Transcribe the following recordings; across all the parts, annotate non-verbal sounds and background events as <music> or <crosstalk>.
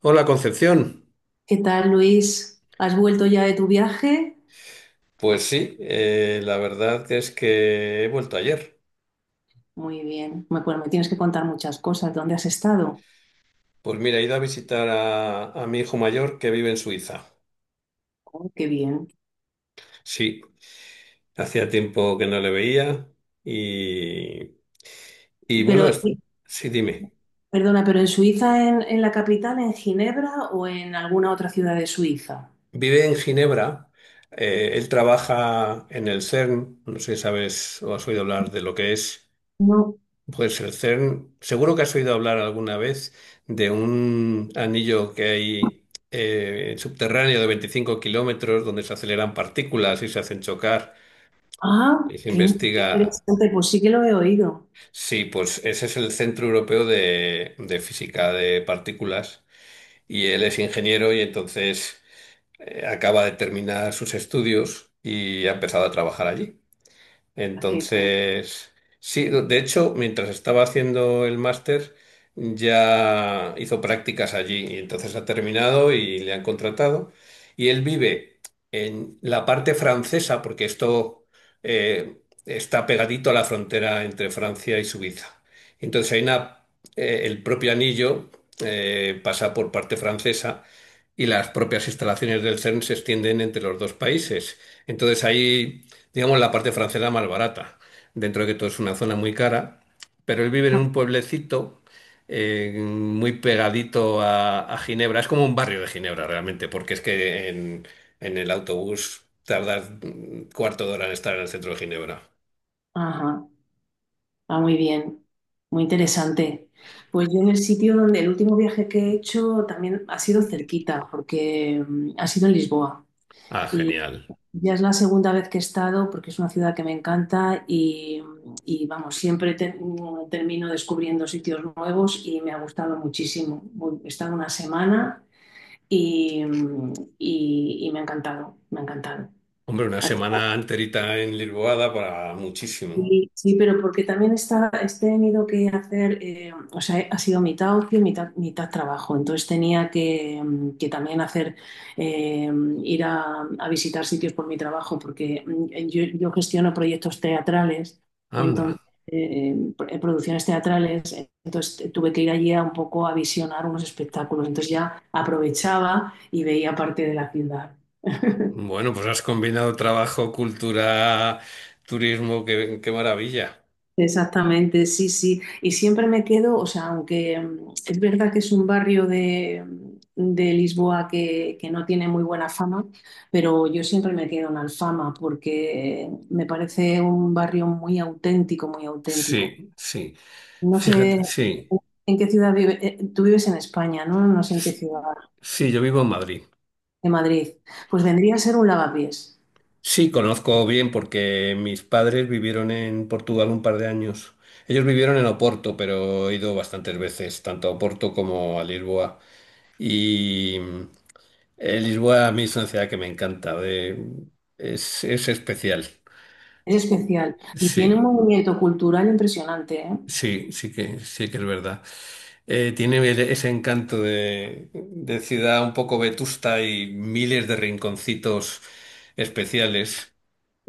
Hola Concepción. ¿Qué tal, Luis? ¿Has vuelto ya de tu viaje? Pues sí, la verdad es que he vuelto ayer. Muy bien. Me- Bueno, me tienes que contar muchas cosas. ¿Dónde has estado? Pues mira, he ido a visitar a mi hijo mayor que vive en Suiza. Oh, qué bien. Sí, hacía tiempo que no le veía y, y Pero, bueno, sí, dime. perdona, ¿pero en Suiza, en la capital, en Ginebra o en alguna otra ciudad de Suiza? Vive en Ginebra. Él trabaja en el CERN, no sé si sabes o has oído hablar de lo que es. No. Pues el CERN, seguro que has oído hablar alguna vez de un anillo que hay subterráneo de 25 kilómetros, donde se aceleran partículas y se hacen chocar Ah, y se qué investiga. interesante. Pues sí que lo he oído. Sí, pues ese es el Centro Europeo de Física de Partículas, y él es ingeniero. Y entonces acaba de terminar sus estudios y ha empezado a trabajar allí. Ah, qué bien. Entonces, sí, de hecho, mientras estaba haciendo el máster, ya hizo prácticas allí, y entonces ha terminado y le han contratado. Y él vive en la parte francesa, porque esto eh, está pegadito a la frontera entre Francia y Suiza. Entonces hay una, el propio anillo pasa por parte francesa, y las propias instalaciones del CERN se extienden entre los dos países. Entonces ahí, digamos, la parte francesa más barata, dentro de que todo es una zona muy cara, pero él vive en Ah, un pueblecito muy pegadito a Ginebra. Es como un barrio de Ginebra realmente, porque es que en el autobús tardas un cuarto de hora en estar en el centro de Ginebra. ajá. Ah, muy bien. Muy interesante. Pues yo en el sitio donde el último viaje que he hecho también ha sido cerquita, porque ha sido en Lisboa. Ah, genial. Ya es la segunda vez que he estado porque es una ciudad que me encanta vamos, siempre te- termino descubriendo sitios nuevos y me ha gustado muchísimo. Voy- He estado una semana y, y me ha encantado, me ha encantado. Hombre, una semana enterita en Lisboa para muchísimo. Sí, sí, pero porque también está, he tenido que hacer, o sea, ha sido mitad ocio, mitad trabajo. Entonces tenía que, que también hacer, eh, ir a visitar sitios por mi trabajo, porque yo gestiono proyectos teatrales, entonces, Anda. eh, producciones teatrales, entonces tuve que ir allí a un poco a visionar unos espectáculos. Entonces ya aprovechaba y veía parte de la ciudad. Bueno, pues has combinado trabajo, cultura, turismo, qué, qué maravilla. Exactamente, sí, sí. Y siempre me quedo, o sea, aunque es verdad que es un barrio de, de Lisboa que no tiene muy buena fama, pero yo siempre me quedo en Alfama porque me parece un barrio muy auténtico, muy auténtico. Sí, sí. No sé Fíjate, sí. en qué ciudad vive, tú vives en España, ¿no? No sé en qué ciudad Sí, yo vivo en Madrid. de Madrid. Pues vendría a ser un Lavapiés. Sí, conozco bien porque mis padres vivieron en Portugal un par de años. Ellos vivieron en Oporto, pero he ido bastantes veces, tanto a Oporto como a Lisboa. Y mm, Lisboa a mí es una ciudad que me encanta. Es especial. Es especial y tiene un Sí, movimiento cultural impresionante, ¿eh? sí, sí que es verdad. Tiene ese encanto de ciudad un poco vetusta y miles de rinconcitos especiales.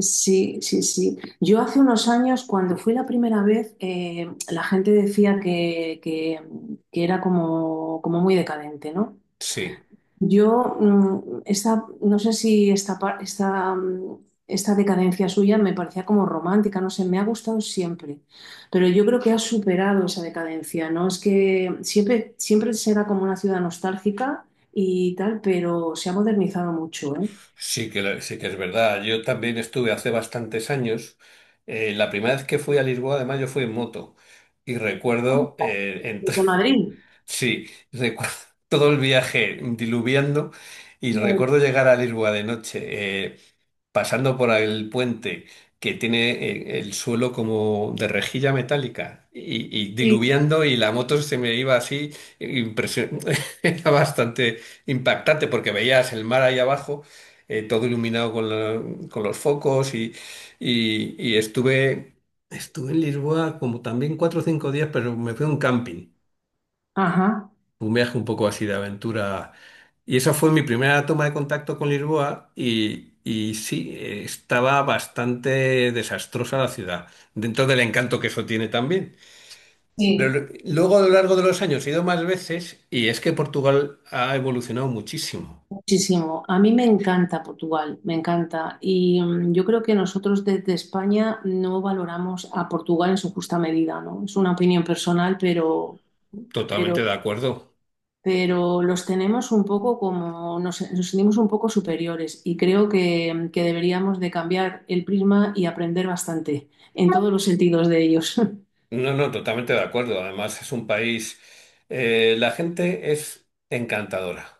Sí, sí, sí. Yo hace unos años, cuando fui la primera vez, la gente decía que era como, como muy decadente, ¿no? Sí. Yo, esta, no sé si esta, par- esta, esta decadencia suya me parecía como romántica, no sé, me ha gustado siempre, pero yo creo que ha superado esa decadencia, ¿no? Es que siempre, siempre será como una ciudad nostálgica y tal, pero se ha modernizado mucho, ¿eh? Sí que, sí que es verdad. Yo también estuve hace bastantes años. La primera vez que fui a Lisboa, además, yo fui en moto. Y recuerdo, De Madrid. <laughs> sí, recuerdo todo el viaje diluviando, y recuerdo llegar a Lisboa de noche. Pasando por el puente que tiene el suelo como de rejilla metálica, y Sí. diluviando, y la moto se me iba así, impresión- <laughs> era bastante impactante, porque veías el mar ahí abajo, todo iluminado con, con los focos, y estuve, estuve en Lisboa como también 4 o 5 días, pero me fui a un camping, Ajá. un viaje un poco así de aventura. Y esa fue mi primera toma de contacto con Lisboa, y sí, estaba bastante desastrosa la ciudad, dentro del encanto que eso tiene también. Pero Sí. Luego a lo largo de los años he ido más veces, y es que Portugal ha evolucionado muchísimo. Muchísimo. A mí me encanta Portugal, me encanta. Y yo creo que nosotros desde España no valoramos a Portugal en su justa medida, ¿no? Es una opinión personal, pero, Totalmente de acuerdo. pero los tenemos un poco como, nos sentimos un poco superiores y creo que deberíamos de cambiar el prisma y aprender bastante en todos los sentidos de ellos. No, no, totalmente de acuerdo. Además es un país, la gente es encantadora.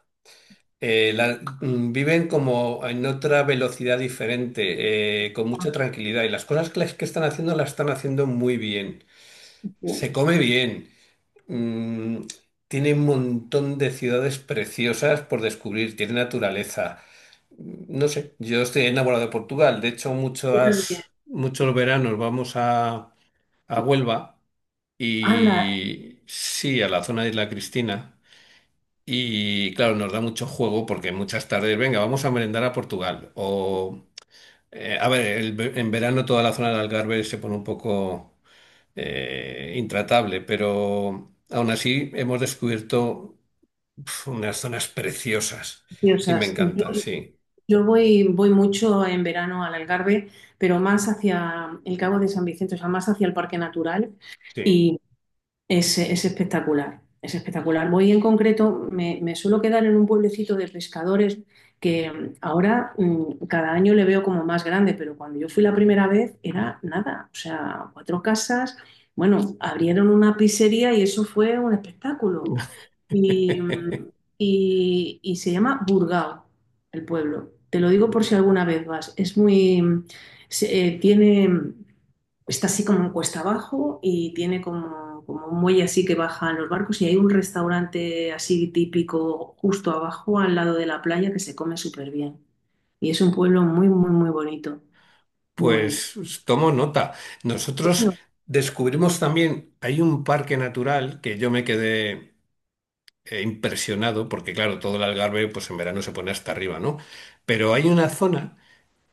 Viven como en otra velocidad diferente, con mucha <laughs> tranquilidad. Y las cosas que, que están haciendo, las están haciendo muy bien. Yo Se come bien. Mm, Tiene un montón de ciudades preciosas por descubrir. Tiene naturaleza. No sé, yo estoy enamorado de Portugal. De hecho, también. muchos, muchos veranos vamos a Huelva, Anda, y sí, a la zona de Isla Cristina. Y claro, nos da mucho juego porque muchas tardes, venga, vamos a merendar a Portugal. A ver, en verano toda la zona del Algarve se pone un poco intratable, pero aún así hemos descubierto, pf, unas zonas preciosas, y me preciosas. encanta, sí, Yo voy, voy mucho en verano al Algarve, pero más hacia el Cabo de San Vicente, o sea, más hacia el Parque Natural. sí. Y es espectacular, es espectacular. Voy en concreto, me suelo quedar en un pueblecito de pescadores que ahora cada año le veo como más grande, pero cuando yo fui la primera vez era nada, o sea, cuatro casas, bueno, abrieron una pizzería y eso fue un espectáculo. Y, <laughs> mm, y se llama Burgao, el pueblo. Te lo digo por si alguna vez vas. Es muy, se- tiene está así como en cuesta abajo y tiene como, como un muelle así que bajan los barcos y hay un restaurante así típico justo abajo al lado de la playa que se come súper bien. Y es un pueblo muy, muy, muy bonito, muy bonito. Pues tomo nota. Nosotros No, descubrimos también, hay un parque natural que yo me quedé impresionado, porque claro, todo el Algarve pues en verano se pone hasta arriba, ¿no? Pero hay una zona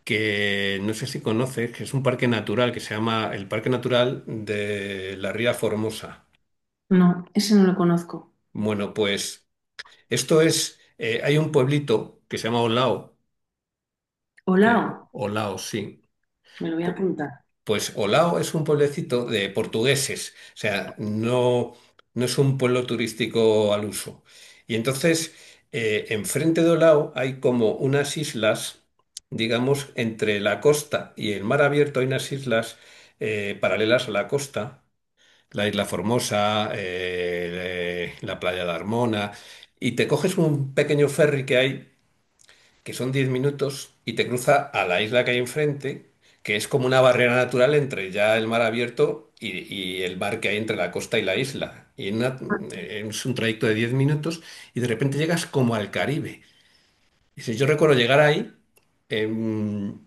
que no sé si conoces, que es un parque natural que se llama el Parque Natural de la Ría Formosa. no, ese no lo conozco. Bueno, pues esto es, hay un pueblito que se llama Olao, que Olao, Olao, sí. me lo voy a apuntar. Pues Olao es un pueblecito de portugueses, o sea, no, no es un pueblo turístico al uso. Y entonces, enfrente de Olao hay como unas islas, digamos, entre la costa y el mar abierto hay unas islas paralelas a la costa, la Isla Formosa, la Playa de Armona, y te coges un pequeño ferry que hay, que son 10 minutos, y te cruza a la isla que hay enfrente, que es como una barrera natural entre ya el mar abierto y el mar que hay entre la costa y la isla. Es un trayecto de 10 minutos, y de repente llegas como al Caribe. Y si yo recuerdo llegar ahí, em,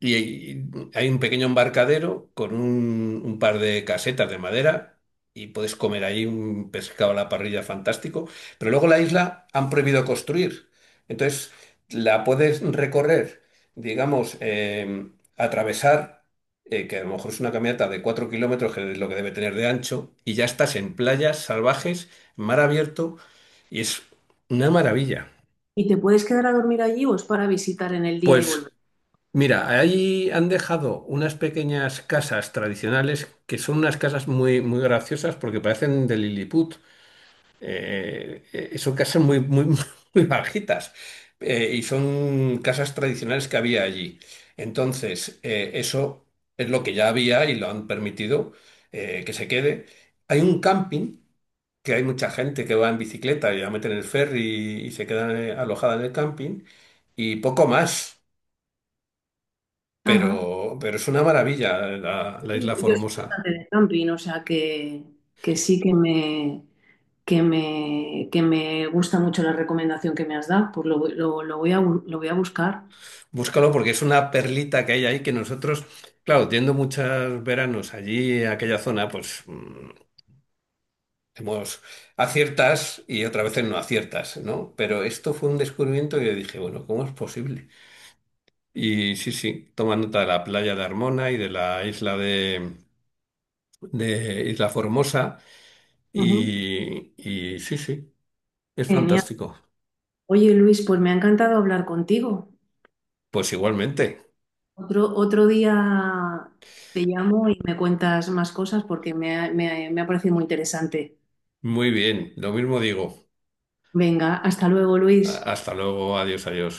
y hay un pequeño embarcadero con un par de casetas de madera, y puedes comer ahí un pescado a la parrilla fantástico. Pero luego la isla han prohibido construir. Entonces la puedes recorrer, digamos, atravesar, que a lo mejor es una caminata de 4 kilómetros, que es lo que debe tener de ancho, y ya estás en playas salvajes, mar abierto, y es una maravilla. ¿Y te puedes quedar a dormir allí o es para visitar en el día y Pues volver? mira, ahí han dejado unas pequeñas casas tradicionales, que son unas casas muy, muy graciosas porque parecen de Lilliput. Son casas muy, muy, <laughs> muy bajitas, y son casas tradicionales que había allí. Entonces, eso es lo que ya había y lo han permitido, que se quede. Hay un camping, que hay mucha gente que va en bicicleta y la meten en el ferry y se quedan alojada en el camping, y poco más. Ajá. Pero es una maravilla la Sí, Isla yo soy Formosa. bastante de camping, o sea que sí que me, que me gusta mucho la recomendación que me has dado, pues lo, voy- lo voy a, bu- lo voy a buscar. Búscalo porque es una perlita que hay ahí que nosotros, claro, yendo muchos veranos allí, a aquella zona, pues, hemos aciertas y otras veces no aciertas, ¿no? Pero esto fue un descubrimiento que yo dije, bueno, ¿cómo es posible? Y sí, sí, toma nota de la playa de Armona y de la isla de Isla Formosa, Ujú. Y sí, sí, es Genial. fantástico. Oye, Luis, pues me ha encantado hablar contigo. Pues igualmente, Otro, otro día te llamo y me cuentas más cosas porque me ha, me ha parecido muy interesante. muy bien, lo mismo digo. Venga, hasta luego, Luis. Hasta luego, adiós, adiós.